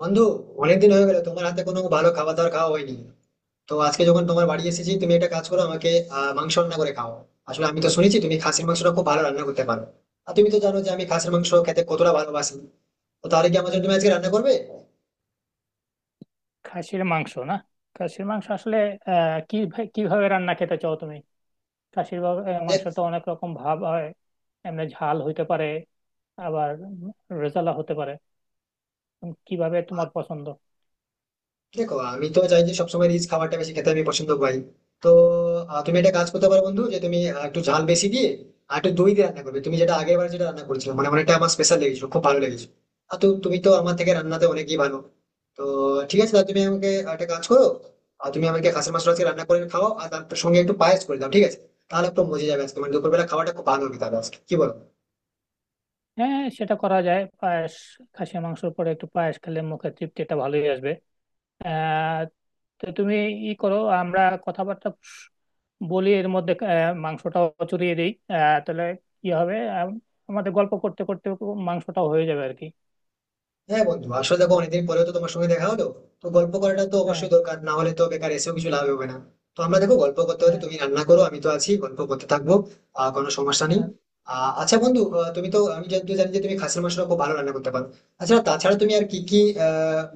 বন্ধু, অনেকদিন হয়ে গেল তোমার হাতে কোনো ভালো খাবার দাবার খাওয়া হয়নি। তো আজকে যখন তোমার বাড়ি এসেছি, তুমি একটা কাজ করো আমাকে মাংস রান্না করে খাও। আসলে আমি তো শুনেছি তুমি খাসির মাংসটা খুব ভালো রান্না করতে পারো। আর তুমি তো জানো যে আমি খাসির মাংস খেতে কতটা ভালোবাসি। তো তাহলে কি আমার জন্য তুমি আজকে রান্না করবে? খাসির মাংস না। খাসির মাংস আসলে আহ কি কিভাবে রান্না খেতে চাও তুমি? দেখ মাংস তো অনেক রকম ভাব হয়। এমনি ঝাল হইতে পারে, আবার রেজালা হতে পারে। কিভাবে তোমার পছন্দ? দেখো আমি তো চাই যে সবসময় রিচ খাবারটা বেশি খেতে আমি পছন্দ করি। তো তুমি একটা কাজ করতে পারো বন্ধু, যে তুমি একটু ঝাল বেশি দিয়ে আর একটু দই দিয়ে রান্না করবে, তুমি যেটা আগের বার যেটা রান্না করেছিলে, মানে অনেকটা আমার স্পেশাল লেগেছিল, খুব ভালো লেগেছিল। আর তো তুমি তো আমার থেকে রান্নাতে অনেকই ভালো। তো ঠিক আছে, তাহলে তুমি আমাকে একটা কাজ করো, আর তুমি আমাকে খাসির মাংস আজকে রান্না করে খাও, আর তার সঙ্গে একটু পায়েস করে দাও, ঠিক আছে? তাহলে একটু মজে যাবে আজকে, মানে দুপুরবেলা খাওয়াটা খুব ভালো হবে তাহলে আজকে, কি বলো? হ্যাঁ, সেটা করা যায়, পায়েস। খাসির মাংসের পরে একটু পায়েস খেলে মুখে তৃপ্তিটা ভালোই আসবে। আহ তো তুমি ই করো, আমরা কথাবার্তা বলি, এর মধ্যে মাংসটাও চড়িয়ে দিই। তাহলে কি হবে, আমাদের গল্প করতে করতে মাংসটাও হয়ে যাবে আর কি। হ্যাঁ বন্ধু, আসলে দেখো তো, অনেকদিন পরেও তো তোমার সঙ্গে দেখা হলো। তো গল্প করাটা তো হ্যাঁ। অবশ্যই দরকার, না হলে তো বেকার এসেও কিছু লাভ হবে না। তো আমরা দেখো গল্প করতে হলে হ্যাঁ। তুমি রান্না করো, আমি তো আছি, গল্প করতে থাকবো। কোনো সমস্যা নেই। হ্যাঁ, আচ্ছা বন্ধু, তুমি তো আমি যেহেতু জানি যে তুমি খাসির মাংসটা খুব ভালো রান্না করতে পারো। আচ্ছা তাছাড়া তুমি আর কি কি আহ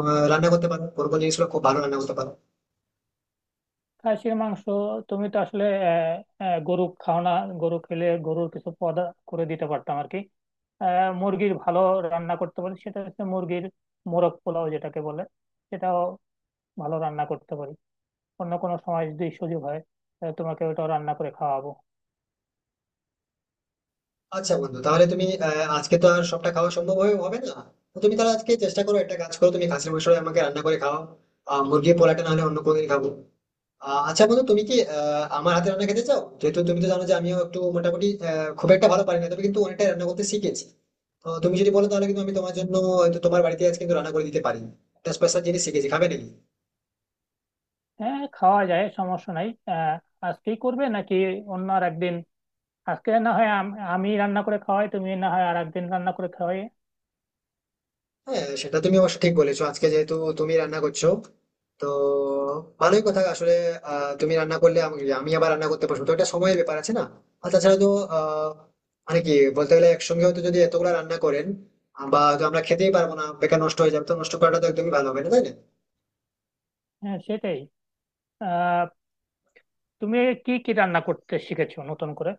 আহ, রান্না করতে পারো, কোন কোন জিনিসগুলো খুব ভালো রান্না করতে পারো? খাসির মাংস। তুমি তো আসলে আহ, আহ, গরু খাও না? গরু খেলে গরুর কিছু পদ করে দিতে পারতাম আর কি। মুরগির ভালো রান্না করতে পারি, সেটা হচ্ছে মুরগির মোরগ পোলাও যেটাকে বলে, সেটাও ভালো রান্না করতে পারি। অন্য কোনো সময় যদি সুযোগ হয়, তাহলে তোমাকে ওটাও রান্না করে খাওয়াবো। আচ্ছা বন্ধু, তাহলে তুমি আজকে তো আর সবটা খাওয়া হবে না। তো তুমি তাহলে আজকে চেষ্টা করো, একটা কাজ করো, তুমি খাসির মাংস আমাকে রান্না করে খাও। আহ মুরগির পোলাটা না হলে অন্য কোনো দিন খাবো। আচ্ছা বন্ধু, তুমি কি আমার হাতে রান্না খেতে চাও? যেহেতু তুমি তো জানো যে আমিও একটু মোটামুটি, খুব একটা ভালো পারি না, তবে কিন্তু অনেকটা রান্না করতে শিখেছি। তো তুমি যদি বলো, তাহলে কিন্তু আমি তোমার জন্য হয়তো তোমার বাড়িতে আজ কিন্তু রান্না করে দিতে পারি। একটা স্পেশাল জিনিস শিখেছি, খাবে নাকি? হ্যাঁ, খাওয়া যায়, সমস্যা নাই। আজকেই করবে নাকি অন্য আর একদিন? আজকে না হয় আমি রান্না করে খাওয়াই, তুমি না হয় আর একদিন রান্না করে খাওয়াই। হ্যাঁ সেটা তুমি অবশ্য ঠিক বলেছো, আজকে যেহেতু তুমি রান্না করছো, তো ভালোই কথা। আসলে তুমি রান্না করলে আমি আমি আবার রান্না করতে পারবো তো, এটা সময়ের ব্যাপার আছে না। আর তাছাড়া তো আহ মানে কি বলতে গেলে একসঙ্গে হয়তো যদি এতগুলা রান্না করেন, বা হয়তো আমরা খেতেই পারবো না, বেকার নষ্ট হয়ে যাবে, তো নষ্ট করাটা তো একদমই ভালো হবে না, তাই না? হ্যাঁ, সেটাই। আহ তুমি কি কি রান্না করতে শিখেছো নতুন করে?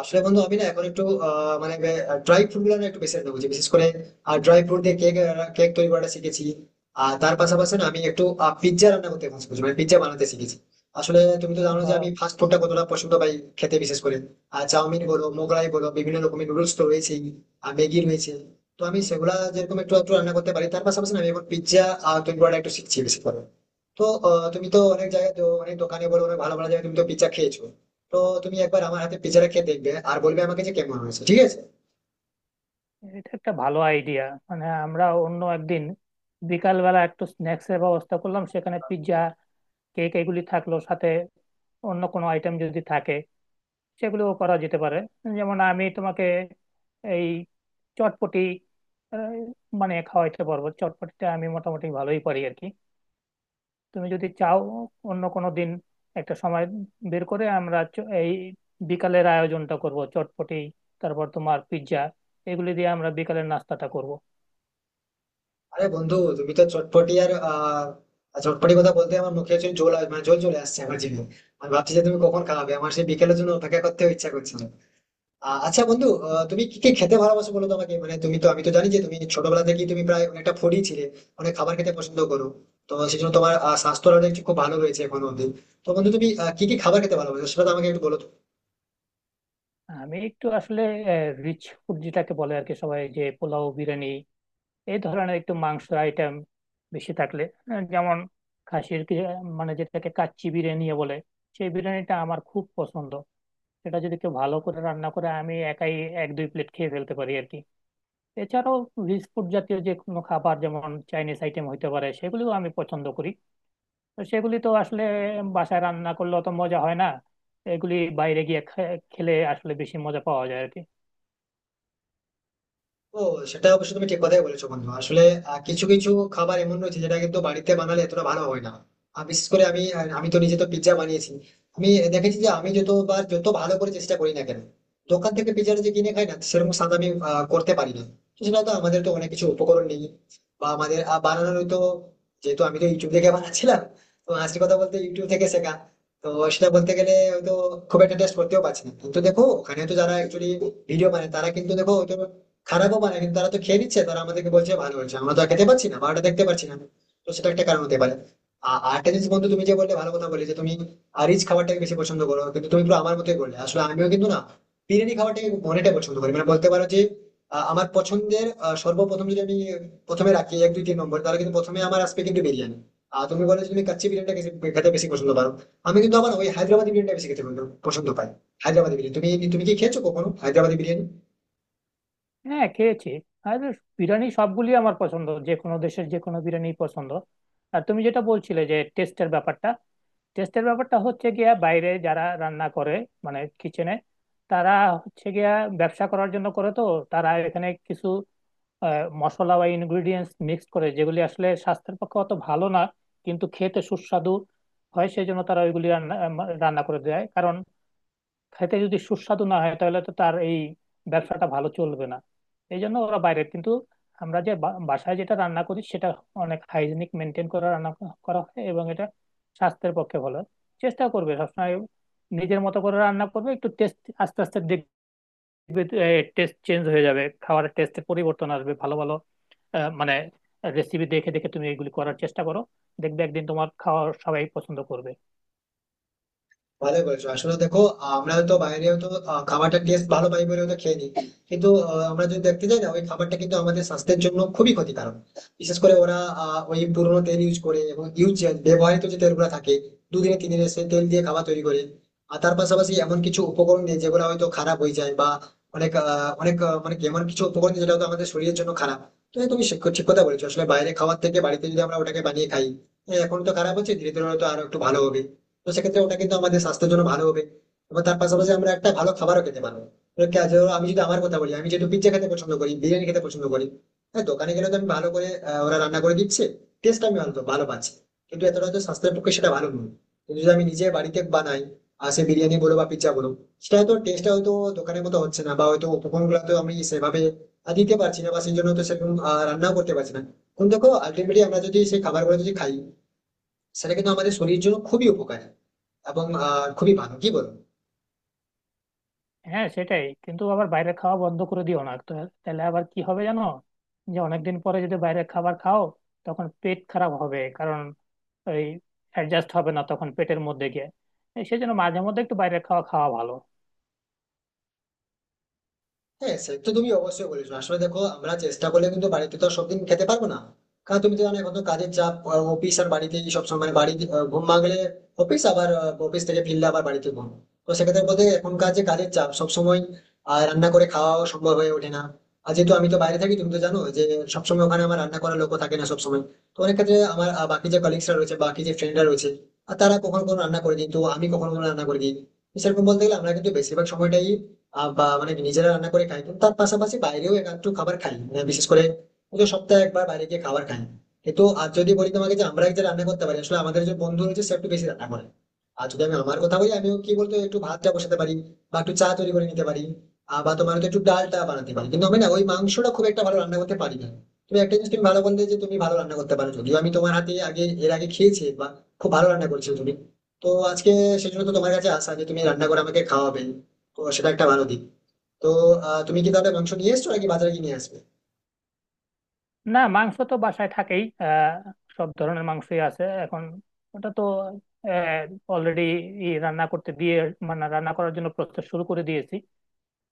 আসলে বন্ধু আমি না এখন একটু মানে ড্রাই ফ্রুট গুলো না একটু বেশি রান্না করছি, বিশেষ করে ড্রাই ফ্রুট দিয়ে কেক কেক তৈরি করাটা শিখেছি। আর তার পাশাপাশি না আমি একটু পিৎজা রান্না করতে পছন্দ করছি, মানে পিৎজা বানাতে শিখেছি। আসলে তুমি তো জানো যে বা, আমি ফাস্ট ফুডটা কতটা পছন্দ পাই খেতে, বিশেষ করে আর চাউমিন বলো মোগলাই বলো বিভিন্ন রকমের নুডলস তো রয়েছেই, আর ম্যাগি রয়েছে। তো আমি সেগুলা যেরকম একটু একটু রান্না করতে পারি, তার পাশাপাশি না আমি এখন পিৎজা তৈরি করাটা একটু শিখছি বেশি করে। তো তুমি তো অনেক জায়গায় তো অনেক দোকানে বলো অনেক ভালো ভালো জায়গায় তুমি তো পিৎজা খেয়েছো। তো তুমি একবার আমার হাতে পিজাটা খেয়ে দেখবে, আর বলবে আমাকে যে কেমন হয়েছে, ঠিক আছে? এটা একটা ভালো আইডিয়া। মানে আমরা অন্য একদিন বিকালবেলা একটু স্ন্যাক্স এর ব্যবস্থা করলাম, সেখানে পিৎজা, কেক এগুলি থাকলো, সাথে অন্য কোনো আইটেম যদি থাকে সেগুলোও করা যেতে পারে। যেমন আমি তোমাকে এই চটপটি আহ, বানিয়ে খাওয়াইতে পারবো, চটপটিটা আমি মোটামুটি ভালোই পারি আর কি। তুমি যদি চাও, অন্য কোনো দিন একটা সময় বের করে আমরা এই বিকালের আয়োজনটা করব। চটপটি, তারপর তোমার পিৎজা, এগুলি দিয়ে আমরা বিকালের নাস্তাটা করব। আরে বন্ধু, তুমি তো চটপটি, আর চটপটি কথা বলতে আমার মুখে হচ্ছে জল, মানে জল চলে আসছে আমার জিভে। আমি ভাবছি যে তুমি কখন খাওয়াবে, আমার সেই বিকেলের জন্য অপেক্ষা করতে ইচ্ছা করছে না। আচ্ছা বন্ধু, আহ, তুমি কি কি খেতে ভালোবাসো বলো তো আমাকে, মানে তুমি তো আমি তো জানি যে তুমি ছোটবেলা থেকেই তুমি প্রায় অনেকটা ফুডি ছিলে, অনেক খাবার খেতে পছন্দ করো। তো সেই জন্য তোমার স্বাস্থ্যটা দেখছি খুব ভালো রয়েছে এখন অব্দি। তো বন্ধু, তুমি কি কি খাবার খেতে ভালোবাসো সেটা তো আমাকে একটু বলো তো। আমি একটু আসলে রিচ ফুড যেটাকে বলে আর কি, সবাই যে পোলাও বিরিয়ানি এই ধরনের একটু মাংসের আইটেম বেশি থাকলে, যেমন খাসির কি, মানে যেটাকে কাচ্চি বিরিয়ানি বলে, সেই বিরিয়ানিটা আমার খুব পছন্দ। সেটা যদি কেউ ভালো করে রান্না করে, আমি একাই 1-2 প্লেট খেয়ে ফেলতে পারি আর কি। এছাড়াও রিচ ফুড জাতীয় যে কোনো খাবার যেমন চাইনিজ আইটেম হইতে পারে, সেগুলিও আমি পছন্দ করি। তো সেগুলি তো আসলে বাসায় রান্না করলে অত মজা হয় না, এগুলি বাইরে গিয়ে খেলে আসলে বেশি মজা পাওয়া যায় আর কি। ও, সেটা অবশ্য তুমি ঠিক কথাই বলেছো বন্ধু। আসলে কিছু কিছু খাবার এমন রয়েছে যেটা কিন্তু বাড়িতে বানালে এতটা ভালো হয় না। আর বিশেষ করে আমি আমি তো নিজে তো পিৎজা বানিয়েছি। আমি দেখেছি যে আমি যতবার যত ভালো করে চেষ্টা করি না কেন, দোকান থেকে পিৎজাটা যে কিনে খাই না, সেরকম স্বাদ আমি করতে পারি না। তো সেটা তো আমাদের তো অনেক কিছু উপকরণ নেই বা আমাদের বানানোর তো, যেহেতু আমি তো ইউটিউব থেকে বানাচ্ছিলাম, তো আসল কথা বলতে ইউটিউব থেকে শেখা। তো সেটা বলতে গেলে হয়তো খুব একটা টেস্ট করতেও পারছি না। কিন্তু দেখো ওখানে তো যারা একচুয়ালি ভিডিও বানায় তারা কিন্তু দেখো হয়তো খারাপও বানায়, কিন্তু তারা তো খেয়ে নিচ্ছে, তারা আমাদেরকে বলছে ভালো হয়েছে, আমরা তো আর খেতে পারছি না বা ওটা দেখতে পারছি না। তো সেটা একটা কারণ হতে পারে। আর আরেকটা জিনিস বন্ধু, তুমি যে বললে ভালো কথা বলে, যে তুমি রিচ খাবারটাকে বেশি পছন্দ করো, কিন্তু তুমি পুরো আমার মতোই বললে। আসলে আমিও কিন্তু না, বিরিয়ানি খাবারটাকে অনেকটা পছন্দ করি, মানে বলতে পারো যে আমার পছন্দের, সর্বপ্রথম যদি আমি প্রথমে রাখি এক দুই তিন নম্বর, তাহলে কিন্তু প্রথমে আমার আসবে কিন্তু বিরিয়ানি। আর তুমি বলে যে তুমি কাচ্চি বিরিয়ানিটা খেতে বেশি পছন্দ পারো। আমি কিন্তু আবার ওই হায়দ্রাবাদি বিরিয়ানিটা বেশি খেতে পছন্দ পছন্দ পাই। হায়দ্রাবাদি বিরিয়ানি তুমি তুমি কি খেয়েছো কখনো হায়দ্রাবাদি বিরিয়ানি? হ্যাঁ, খেয়েছি। আর বিরিয়ানি সবগুলি আমার পছন্দ, যে কোনো দেশের যে কোনো বিরিয়ানি পছন্দ। আর তুমি যেটা বলছিলে যে টেস্টের ব্যাপারটা, টেস্টের ব্যাপারটা হচ্ছে গিয়া বাইরে যারা রান্না করে, মানে কিচেনে, তারা হচ্ছে গিয়া ব্যবসা করার জন্য করে। তো তারা এখানে কিছু মশলা বা ইনগ্রিডিয়েন্টস মিক্স করে, যেগুলি আসলে স্বাস্থ্যের পক্ষে অত ভালো না, কিন্তু খেতে সুস্বাদু হয়। সেই জন্য তারা ওইগুলি রান্না করে দেয়, কারণ খেতে যদি সুস্বাদু না হয় তাহলে তো তার এই ব্যবসাটা ভালো চলবে না। এই জন্য ওরা বাইরে কিন্তু, আমরা যে বাসায় যেটা রান্না করি, সেটা অনেক হাইজিনিক মেনটেন করে রান্না করা হয়, এবং এটা স্বাস্থ্যের পক্ষে ভালো। চেষ্টা করবে সবসময় নিজের মতো করে রান্না করবে, একটু টেস্ট আস্তে আস্তে দেখবে টেস্ট চেঞ্জ হয়ে যাবে, খাবারের টেস্টে পরিবর্তন আসবে, ভালো ভালো মানে রেসিপি দেখে দেখে তুমি এগুলি করার চেষ্টা করো। দেখবে একদিন তোমার খাওয়া সবাই পছন্দ করবে। ভালো করেছো। আসলে দেখো আমরা হয়তো বাইরে হয়তো খাবারটার টেস্ট ভালো পাই বলে হয়তো খেয়ে নিই, কিন্তু আমরা যদি দেখতে যাই না ওই খাবারটা কিন্তু আমাদের স্বাস্থ্যের জন্য খুবই ক্ষতিকারক। বিশেষ করে ওরা ওই পুরোনো তেল ইউজ করে, এবং ইউজ ব্যবহৃত যে তেলগুলো থাকে, দুদিনে তিন দিনে সেই তেল দিয়ে খাবার তৈরি করে। আর তার পাশাপাশি এমন কিছু উপকরণ নেই যেগুলো হয়তো খারাপ হয়ে যায় বা অনেক আহ, অনেক আহ, মানে কি, এমন কিছু উপকরণ নেই যেটা হয়তো আমাদের শরীরের জন্য খারাপ। তো হ্যাঁ, তুমি ঠিক কথা বলেছো, আসলে বাইরে খাওয়ার থেকে বাড়িতে যদি আমরা ওটাকে বানিয়ে খাই। হ্যাঁ, এখন তো খারাপ হচ্ছে, ধীরে ধীরে হয়তো আরো একটু ভালো হবে। তো সেক্ষেত্রে ওটা কিন্তু আমাদের স্বাস্থ্যের জন্য ভালো হবে এবং তার পাশাপাশি আমরা একটা ভালো খাবারও খেতে পারবো। এবার যেমন আমি যদি আমার কথা বলি, আমি যেহেতু পিজ্জা খেতে পছন্দ করি, বিরিয়ানি খেতে পছন্দ করি, হ্যাঁ দোকানে গেলে তো আমি ভালো করে, ওরা রান্না করে দিচ্ছে, টেস্ট আমি ভালো ভালো পাচ্ছি, কিন্তু এতটা হয়তো স্বাস্থ্যের পক্ষে সেটা ভালো নয়। কিন্তু যদি আমি নিজে বাড়িতে বানাই, আর সে বিরিয়ানি বলো বা পিজ্জা বলো, সেটা হয়তো টেস্টটা হয়তো দোকানের মতো হচ্ছে না, বা হয়তো উপকরণ গুলো তো আমি সেভাবে দিতে পারছি না, বা সেই জন্য তো সেরকম রান্নাও করতে পারছি না। কিন্তু দেখো আলটিমেটলি আমরা যদি সেই খাবারগুলো যদি খাই, সেটা কিন্তু আমাদের শরীরের জন্য খুবই উপকারী এবং খুবই ভালো, কি বল? হ্যাঁ, সেটাই, কিন্তু আবার বাইরের খাওয়া বন্ধ করে দিও না তো। তাহলে আবার কি হবে জানো, যে অনেকদিন পরে যদি বাইরের খাবার খাও, তখন পেট খারাপ হবে, কারণ ওই অ্যাডজাস্ট হবে না তখন পেটের মধ্যে গিয়ে। এই সেজন্য মাঝে মধ্যে একটু বাইরের খাওয়া খাওয়া ভালো। হ্যাঁ সে তো তুমি অবশ্যই বলেছো। আসলে দেখো আমরা চেষ্টা করলে কিন্তু বাড়িতে তো আর সবদিন খেতে পারবো না। কারণ তুমি তো জানো এখন তো কাজের চাপ, অফিস আর বাড়িতে সব সময় বাড়ি, ঘুম ভাঙলে অফিস, আবার অফিস থেকে ফিরলে আবার বাড়িতে ঘুম। তো সেক্ষেত্রে বলতে এখনকার যে কাজের চাপ, সব সময় রান্না করে খাওয়া সম্ভব হয়ে ওঠে না। আর যেহেতু আমি তো বাইরে থাকি, তুমি তো জানো যে সবসময় ওখানে আমার রান্না করার লোকও থাকে না সবসময়। তো অনেক ক্ষেত্রে আমার বাকি যে কলিগসরা রয়েছে বাকি যে ফ্রেন্ডরা রয়েছে, আর তারা কখনো কখনো রান্না করে দিই, তো আমি কখনো কখনো রান্না করে দিই। তো সেরকম বলতে গেলে আমরা কিন্তু বেশিরভাগ সময়টাই বা মানে নিজেরা রান্না করে খাই, কিন্তু তার পাশাপাশি বাইরেও একটু খাবার খাই, মানে বিশেষ করে হয়তো সপ্তাহে একবার বাইরে গিয়ে খাবার খাই। কিন্তু আর যদি বলি তোমাকে যে আমরা যে রান্না করতে পারি, আসলে আমাদের যে বন্ধু রয়েছে সে একটু বেশি রান্না করে। আর যদি আমি আমার কথা বলি আমিও কি বলতো, একটু ভাতটা বসাতে পারি, বা একটু চা তৈরি করে নিতে পারি, বা তোমার হয়তো একটু ডালটা বানাতে পারি, কিন্তু আমি না ওই মাংসটা খুব একটা ভালো রান্না করতে পারি না। তুমি একটা জিনিস তুমি ভালো বললে যে তুমি ভালো রান্না করতে পারো, যদিও আমি তোমার হাতে আগে এর আগে খেয়েছি, বা খুব ভালো রান্না করেছো তুমি। তো আজকে সেই জন্য তো তোমার কাছে আসা যে তুমি রান্না করে আমাকে খাওয়াবে। তো সেটা একটা ভালো দিক। তো তুমি কি তাহলে মাংস নিয়ে এসছো নাকি বাজারে গিয়ে নিয়ে আসবে? না, মাংস তো বাসায় থাকেই। সব ধরনের মাংসই আছে এখন। ওটা তো অলরেডি রান্না করতে দিয়ে, মানে রান্না করার জন্য প্রসেস শুরু করে দিয়েছি।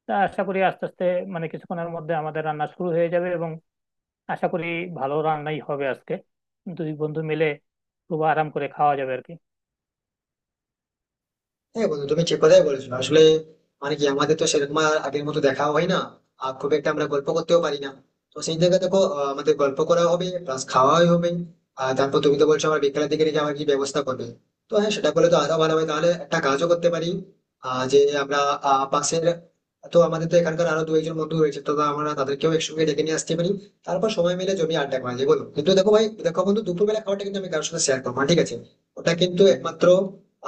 তা আশা করি আস্তে আস্তে, মানে কিছুক্ষণের মধ্যে আমাদের রান্না শুরু হয়ে যাবে, এবং আশা করি ভালো রান্নাই হবে আজকে। দুই বন্ধু মিলে খুব আরাম করে খাওয়া যাবে আর কি। হ্যাঁ বন্ধু, তুমি ঠিক কথাই বলেছো। আসলে মানে কি আমাদের তো সেরকম আর আগের মতো দেখাও হয় না, আর খুব একটা আমরা গল্প করতেও পারি না। তো সেই জায়গায় দেখো আমাদের গল্প করা হবে প্লাস খাওয়াই হবে। আর তারপর তুমি তো বলছো আমার বিকেলের দিকে নাকি আমার কি ব্যবস্থা করবে। তো হ্যাঁ, সেটা করলে তো আরো ভালো হয়, তাহলে একটা কাজও করতে পারি, আহ যে আমরা আহ পাশের তো আমাদের তো এখানকার আরো দু একজন বন্ধু রয়েছে, তো আমরা তাদেরকেও একসঙ্গে ডেকে নিয়ে আসতে পারি, তারপর সময় মিলে জমি আড্ডা করা যায়, বলো? কিন্তু দেখো ভাই, দেখো বন্ধু, দুপুরবেলা খাওয়াটা কিন্তু আমি কারোর সাথে শেয়ার করবো না, ঠিক আছে? ওটা কিন্তু একমাত্র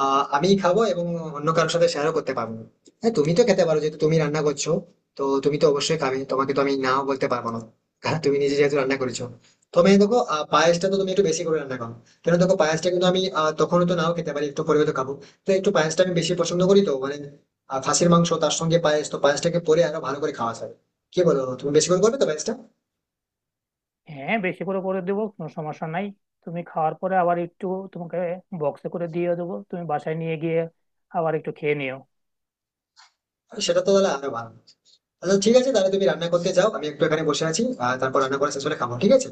আমি খাবো, এবং অন্য কারোর সাথে শেয়ারও করতে পারবো না। হ্যাঁ তুমি তো খেতে পারো, যেহেতু তুমি রান্না করছো, তো তুমি তো অবশ্যই খাবে, তোমাকে তো আমি নাও বলতে পারবো না, কারণ তুমি নিজে যেহেতু রান্না করেছো। তবে দেখো পায়েসটা তো তুমি একটু বেশি করে রান্না করো। কেন দেখো পায়েসটা কিন্তু আমি তখনও তো নাও খেতে পারি, একটু পরে তো খাবো। তো একটু পায়েসটা আমি বেশি পছন্দ করি, তো মানে খাসির মাংস তার সঙ্গে পায়েস, তো পায়েসটাকে পরে আরো ভালো করে খাওয়া যাবে। কি বলো, তুমি বেশি করে করবে তো পায়েসটা? হ্যাঁ, বেশি করে করে দেবো, কোনো সমস্যা নাই। তুমি খাওয়ার পরে আবার একটু তোমাকে বক্সে করে দিয়ে দেবো, তুমি বাসায় নিয়ে গিয়ে আবার একটু খেয়ে নিও। সেটা তো তাহলে আরো ভালো। আচ্ছা ঠিক আছে, তাহলে তুমি রান্না করতে যাও, আমি একটু এখানে বসে আছি, আর তারপর রান্না করা শেষ হলে খাবো, ঠিক আছে।